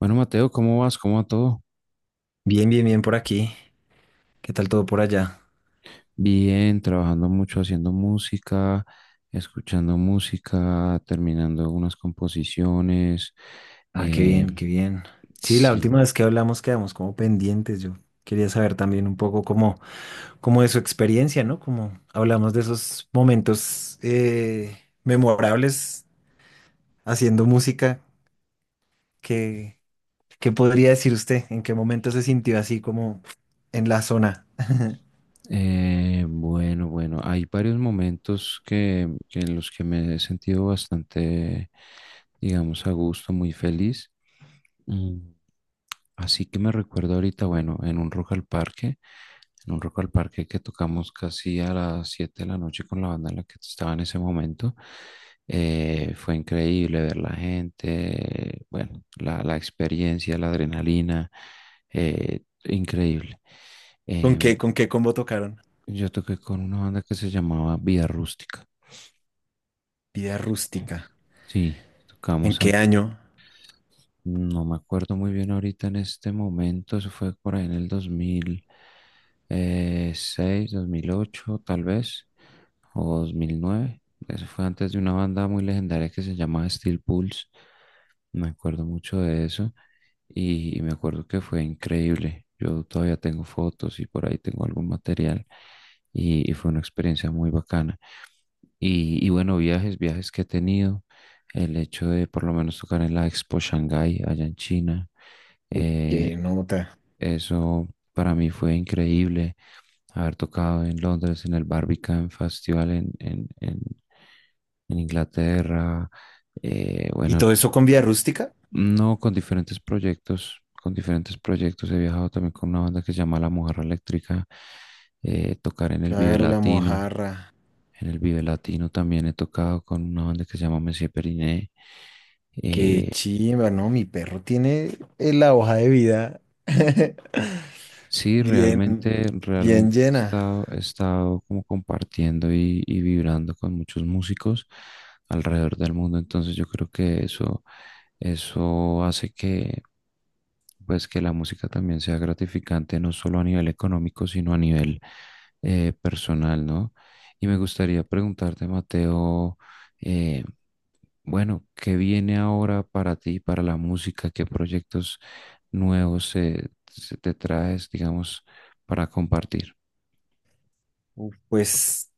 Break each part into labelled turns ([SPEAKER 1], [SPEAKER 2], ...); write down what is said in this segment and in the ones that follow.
[SPEAKER 1] Bueno, Mateo, ¿cómo vas? ¿Cómo va todo?
[SPEAKER 2] Bien, bien, bien por aquí. ¿Qué tal todo por allá?
[SPEAKER 1] Bien, trabajando mucho haciendo música, escuchando música, terminando unas composiciones.
[SPEAKER 2] Ah, qué
[SPEAKER 1] eh,
[SPEAKER 2] bien, qué bien. Sí, la
[SPEAKER 1] sí.
[SPEAKER 2] última vez que hablamos quedamos como pendientes. Yo quería saber también un poco cómo de su experiencia, ¿no? Como hablamos de esos momentos memorables haciendo música. ¿Qué, ¿Qué podría decir usted? ¿En qué momento se sintió así como en la zona?
[SPEAKER 1] Bueno, hay varios momentos que en los que me he sentido bastante, digamos, a gusto, muy feliz. Mm. Así que me recuerdo ahorita, bueno, en un Rock al Parque, en un Rock al Parque que tocamos casi a las 7 de la noche con la banda en la que estaba en ese momento. Fue increíble ver la gente, bueno, la experiencia, la adrenalina, increíble. Em,
[SPEAKER 2] ¿Con qué combo tocaron?
[SPEAKER 1] yo toqué con una banda que se llamaba Vía Rústica.
[SPEAKER 2] Vida rústica.
[SPEAKER 1] Sí,
[SPEAKER 2] ¿En
[SPEAKER 1] tocamos.
[SPEAKER 2] qué año?
[SPEAKER 1] No me acuerdo muy bien ahorita en este momento, eso fue por ahí en el 2006, 2008 tal vez, o 2009. Eso fue antes de una banda muy legendaria que se llamaba Steel Pulse. Me acuerdo mucho de eso y me acuerdo que fue increíble. Yo todavía tengo fotos y por ahí tengo algún material y fue una experiencia muy bacana. Y bueno, viajes, viajes que he tenido, el hecho de por lo menos tocar en la Expo Shanghai allá en China.
[SPEAKER 2] Uf,
[SPEAKER 1] eh,
[SPEAKER 2] qué nota.
[SPEAKER 1] Eso para mí fue increíble, haber tocado en Londres, en el Barbican Festival en Inglaterra. eh,
[SPEAKER 2] ¿Y
[SPEAKER 1] bueno,
[SPEAKER 2] todo eso con vida Rústica?
[SPEAKER 1] no, con diferentes proyectos, con diferentes proyectos he viajado también con una banda que se llama La Mojarra Eléctrica. Tocar en el Vive
[SPEAKER 2] Claro, la
[SPEAKER 1] Latino.
[SPEAKER 2] mojarra.
[SPEAKER 1] En el Vive Latino también he tocado con una banda que se llama Monsieur Periné.
[SPEAKER 2] Qué
[SPEAKER 1] Eh,
[SPEAKER 2] chimba, ¿no? Mi perro tiene la hoja de vida
[SPEAKER 1] sí,
[SPEAKER 2] bien,
[SPEAKER 1] realmente,
[SPEAKER 2] bien llena.
[SPEAKER 1] he estado como compartiendo y vibrando con muchos músicos alrededor del mundo. Entonces yo creo que eso hace que, pues, que la música también sea gratificante, no solo a nivel económico, sino a nivel personal, ¿no? Y me gustaría preguntarte, Mateo, eh, bueno, ¿qué viene ahora para ti, para la música? ¿Qué proyectos nuevos se te traes, digamos, para compartir?
[SPEAKER 2] Uf, pues,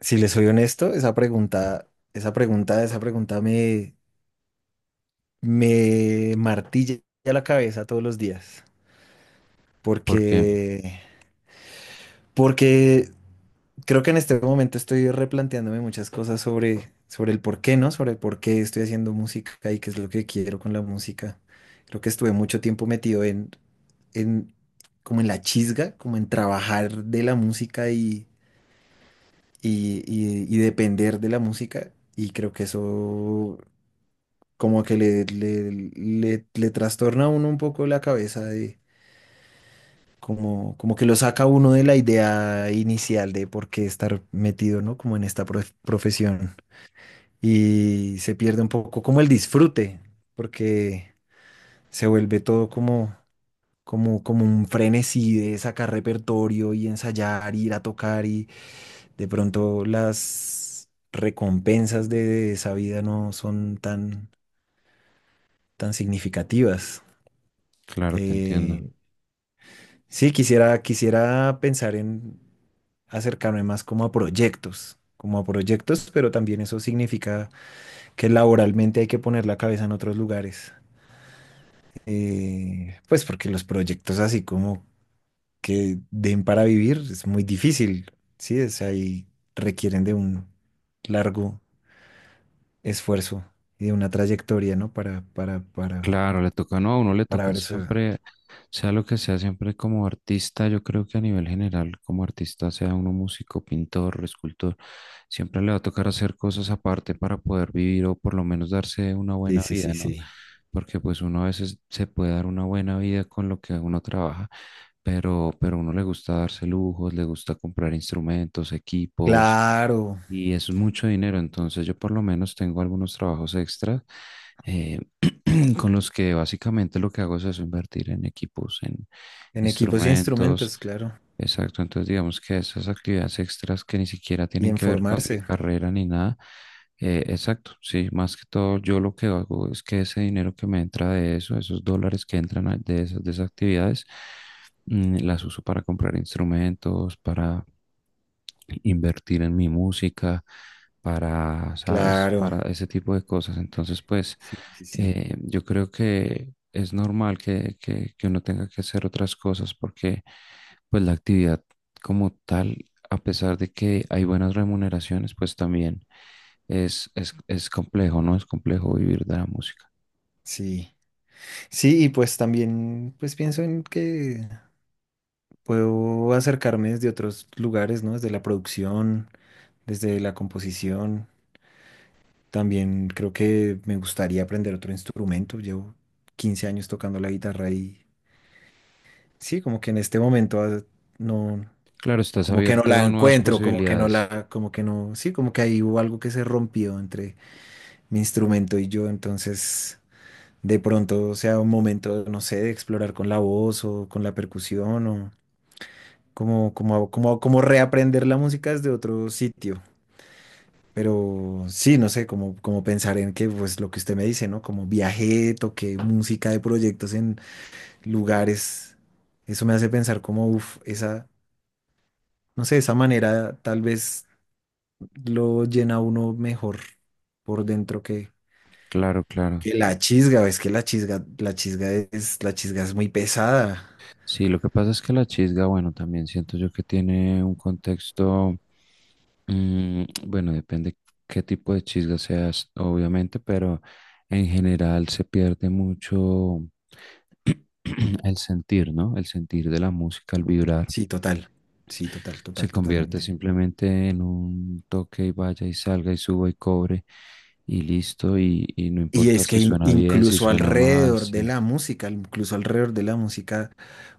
[SPEAKER 2] si les soy honesto, esa pregunta me, me martilla la cabeza todos los días.
[SPEAKER 1] Porque,
[SPEAKER 2] Porque, porque creo que en este momento estoy replanteándome muchas cosas sobre el por qué, ¿no? Sobre el por qué estoy haciendo música y qué es lo que quiero con la música. Creo que estuve mucho tiempo metido en como en la chisga, como en trabajar de la música y depender de la música. Y creo que eso como que le trastorna a uno un poco la cabeza de como que lo saca a uno de la idea inicial de por qué estar metido, ¿no? Como en esta profesión. Y se pierde un poco como el disfrute, porque se vuelve todo como un frenesí de sacar repertorio y ensayar, ir a tocar y de pronto las recompensas de esa vida no son tan significativas.
[SPEAKER 1] claro, te
[SPEAKER 2] Eh,
[SPEAKER 1] entiendo.
[SPEAKER 2] sí, quisiera pensar en acercarme más como a proyectos. Como a proyectos, pero también eso significa que laboralmente hay que poner la cabeza en otros lugares. Pues porque los proyectos así como que den para vivir es muy difícil, ¿sí? O sea, y requieren de un largo esfuerzo y de una trayectoria, ¿no?
[SPEAKER 1] Claro, le toca, no, a uno le
[SPEAKER 2] Para
[SPEAKER 1] toca
[SPEAKER 2] ver eso.
[SPEAKER 1] siempre, sea lo que sea, siempre como artista, yo creo que a nivel general, como artista, sea uno músico, pintor, escultor, siempre le va a tocar hacer cosas aparte para poder vivir o por lo menos darse una
[SPEAKER 2] Sí,
[SPEAKER 1] buena
[SPEAKER 2] sí,
[SPEAKER 1] vida,
[SPEAKER 2] sí,
[SPEAKER 1] ¿no?
[SPEAKER 2] sí.
[SPEAKER 1] Porque pues uno a veces se puede dar una buena vida con lo que uno trabaja, pero a uno le gusta darse lujos, le gusta comprar instrumentos, equipos
[SPEAKER 2] Claro,
[SPEAKER 1] y es mucho dinero, entonces yo por lo menos tengo algunos trabajos extras. eh, con los que básicamente lo que hago es eso, invertir en equipos, en
[SPEAKER 2] en equipos e
[SPEAKER 1] instrumentos.
[SPEAKER 2] instrumentos, claro.
[SPEAKER 1] Exacto, entonces digamos que esas actividades extras que ni siquiera
[SPEAKER 2] Y
[SPEAKER 1] tienen
[SPEAKER 2] en
[SPEAKER 1] que ver con mi
[SPEAKER 2] formarse,
[SPEAKER 1] carrera ni nada. Exacto, sí, más que todo yo lo que hago es que ese dinero que me entra de eso, esos dólares que entran a- de esas actividades, mm, las uso para comprar instrumentos, para invertir en mi música, para, ¿sabes?
[SPEAKER 2] claro.
[SPEAKER 1] Para ese tipo de cosas. Entonces, pues,
[SPEAKER 2] Sí, sí, sí.
[SPEAKER 1] yo creo que es normal que uno tenga que hacer otras cosas porque, pues, la actividad como tal, a pesar de que hay buenas remuneraciones, pues también es complejo, ¿no? Es complejo vivir de la música.
[SPEAKER 2] Sí. Sí, y pues también, pues pienso en que puedo acercarme desde otros lugares, ¿no? Desde la producción, desde la composición. También creo que me gustaría aprender otro instrumento. Llevo 15 años tocando la guitarra y sí, como que en este momento no,
[SPEAKER 1] Claro, estás
[SPEAKER 2] como que no
[SPEAKER 1] abierto
[SPEAKER 2] la
[SPEAKER 1] a nuevas
[SPEAKER 2] encuentro,
[SPEAKER 1] posibilidades.
[SPEAKER 2] como que no, sí, como que ahí hubo algo que se rompió entre mi instrumento y yo. Entonces, de pronto sea un momento, no sé, de explorar con la voz o con la percusión o como reaprender la música desde otro sitio. Pero sí, no sé, como pensar en que, pues lo que usted me dice, ¿no? Como viajé, toqué música de proyectos en lugares. Eso me hace pensar como, uff, esa, no sé, esa manera tal vez lo llena a uno mejor por dentro
[SPEAKER 1] Claro, claro.
[SPEAKER 2] que la chisga. Es que la chisga es muy pesada.
[SPEAKER 1] Sí, lo que pasa es que la chisga, bueno, también siento yo que tiene un contexto, mm, bueno, depende qué tipo de chisga seas, obviamente, pero en general se pierde mucho el sentir, ¿no? El sentir de la música, el vibrar,
[SPEAKER 2] Sí, total. Sí, total,
[SPEAKER 1] se
[SPEAKER 2] total,
[SPEAKER 1] convierte
[SPEAKER 2] totalmente.
[SPEAKER 1] simplemente en un toque y vaya y salga y suba y cobre y listo, y no
[SPEAKER 2] Y
[SPEAKER 1] importa
[SPEAKER 2] es
[SPEAKER 1] si
[SPEAKER 2] que
[SPEAKER 1] suena bien, si
[SPEAKER 2] incluso
[SPEAKER 1] suena mal, si...
[SPEAKER 2] alrededor de la música,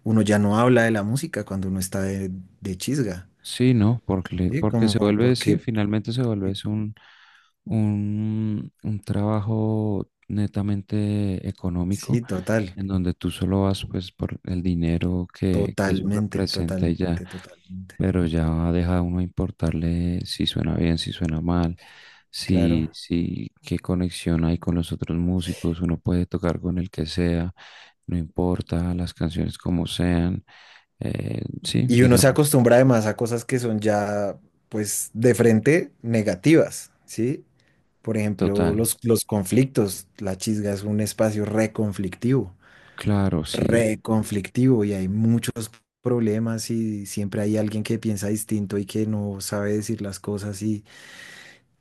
[SPEAKER 2] uno ya no habla de la música cuando uno está de chisga,
[SPEAKER 1] Sí, ¿no? Porque,
[SPEAKER 2] ¿sí?
[SPEAKER 1] porque se
[SPEAKER 2] Como
[SPEAKER 1] vuelve, sí,
[SPEAKER 2] porque,
[SPEAKER 1] finalmente se vuelve
[SPEAKER 2] eh,
[SPEAKER 1] es un, un trabajo netamente económico,
[SPEAKER 2] sí, total,
[SPEAKER 1] en donde tú solo vas pues por el dinero que eso
[SPEAKER 2] totalmente,
[SPEAKER 1] representa y ya,
[SPEAKER 2] totalmente, totalmente,
[SPEAKER 1] pero ya deja a uno importarle si suena bien, si suena mal, si,
[SPEAKER 2] claro.
[SPEAKER 1] si qué conexión hay con los otros músicos, uno puede tocar con el que sea, no importa, las canciones como sean. Sí,
[SPEAKER 2] Y uno se
[SPEAKER 1] digamos,
[SPEAKER 2] acostumbra además a cosas que son ya, pues, de frente negativas, ¿sí? Por ejemplo,
[SPEAKER 1] total.
[SPEAKER 2] los conflictos, la chisga es un espacio reconflictivo.
[SPEAKER 1] Claro, sí,
[SPEAKER 2] Reconflictivo y hay muchos problemas y siempre hay alguien que piensa distinto y que no sabe decir las cosas y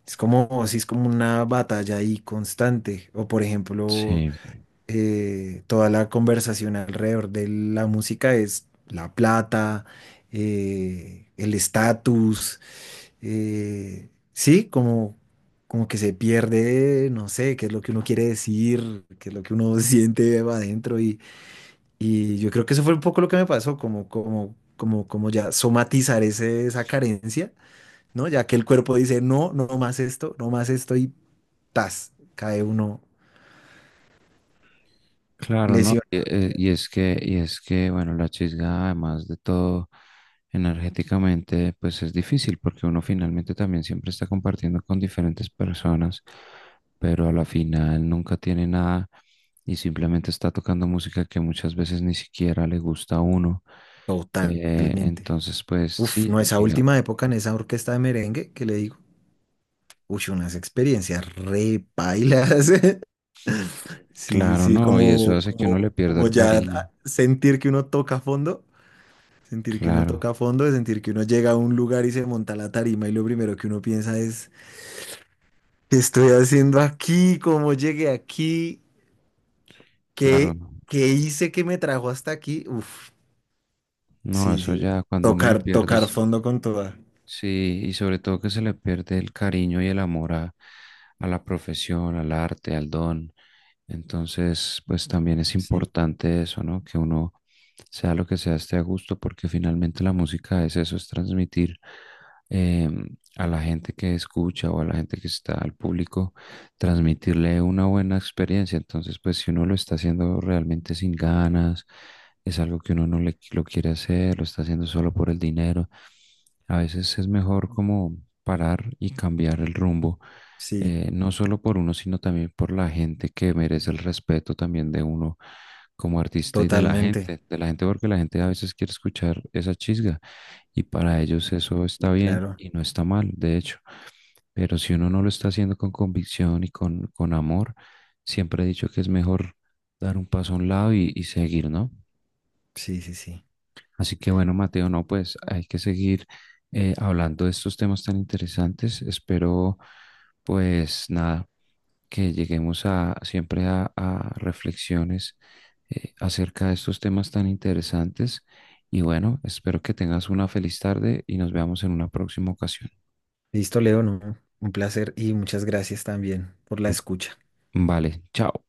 [SPEAKER 2] es como, sí, es como una batalla ahí constante. O por ejemplo,
[SPEAKER 1] sí,
[SPEAKER 2] toda la conversación alrededor de la música es la plata, el estatus, sí, como... Como que se pierde, no sé, qué es lo que uno quiere decir, qué es lo que uno siente adentro y yo creo que eso fue un poco lo que me pasó, como ya somatizar ese, esa carencia, ¿no? Ya que el cuerpo dice, no, no más esto, no más esto y tas, cae uno
[SPEAKER 1] claro, ¿no? E-
[SPEAKER 2] lesionado
[SPEAKER 1] e- y es que, bueno, la chisga, además de todo, energéticamente, pues es difícil porque uno finalmente también siempre está compartiendo con diferentes personas, pero a la final nunca tiene nada y simplemente está tocando música que muchas veces ni siquiera le gusta a uno.
[SPEAKER 2] totalmente.
[SPEAKER 1] Entonces, pues
[SPEAKER 2] Uf,
[SPEAKER 1] sí,
[SPEAKER 2] no, esa
[SPEAKER 1] diga-
[SPEAKER 2] última época en esa orquesta de merengue que le digo, uy, unas experiencias re pailas. Sí, sí,
[SPEAKER 1] claro,
[SPEAKER 2] sí,
[SPEAKER 1] no, y eso hace que uno le pierda
[SPEAKER 2] como
[SPEAKER 1] el
[SPEAKER 2] ya
[SPEAKER 1] cariño.
[SPEAKER 2] sentir que uno toca a fondo. Sentir que uno
[SPEAKER 1] Claro,
[SPEAKER 2] toca a fondo, de sentir que uno llega a un lugar y se monta a la tarima y lo primero que uno piensa es, ¿qué estoy haciendo aquí? ¿Cómo llegué aquí?
[SPEAKER 1] claro.
[SPEAKER 2] ¿Qué,
[SPEAKER 1] ¿No?
[SPEAKER 2] ¿qué hice que me trajo hasta aquí? Uf,
[SPEAKER 1] No,
[SPEAKER 2] sí,
[SPEAKER 1] eso
[SPEAKER 2] sí.
[SPEAKER 1] ya cuando uno le
[SPEAKER 2] Tocar, tocar
[SPEAKER 1] pierdes,
[SPEAKER 2] fondo con toda.
[SPEAKER 1] sí, y sobre todo que se le pierde el cariño y el amor a la profesión, al arte, al don. Entonces, pues también es
[SPEAKER 2] Sí,
[SPEAKER 1] importante eso, ¿no? Que uno sea lo que sea, esté a gusto, porque finalmente la música es eso, es transmitir eh, a la gente que escucha o a la gente que está al público, transmitirle una buena experiencia. Entonces, pues si uno lo está haciendo realmente sin ganas, es algo que uno no le, lo quiere hacer, lo está haciendo solo por el dinero, a veces es mejor como parar y cambiar el rumbo.
[SPEAKER 2] sí,
[SPEAKER 1] No solo por uno, sino también por la gente que merece el respeto también de uno como artista y
[SPEAKER 2] totalmente.
[SPEAKER 1] de la gente porque la gente a veces quiere escuchar esa chisga y para ellos eso está bien
[SPEAKER 2] Claro.
[SPEAKER 1] y no está mal, de hecho, pero si uno no lo está haciendo con convicción y con amor, siempre he dicho que es mejor dar un paso a un lado y seguir, ¿no?
[SPEAKER 2] Sí, sí, sí.
[SPEAKER 1] Así que bueno, Mateo, no, pues hay que seguir hablando de estos temas tan interesantes. Espero, pues nada, que lleguemos a siempre a reflexiones acerca de estos temas tan interesantes. Y bueno, espero que tengas una feliz tarde y nos veamos en una próxima ocasión.
[SPEAKER 2] Listo, Leo, ¿no? Un placer y muchas gracias también por la escucha.
[SPEAKER 1] Vale, chao.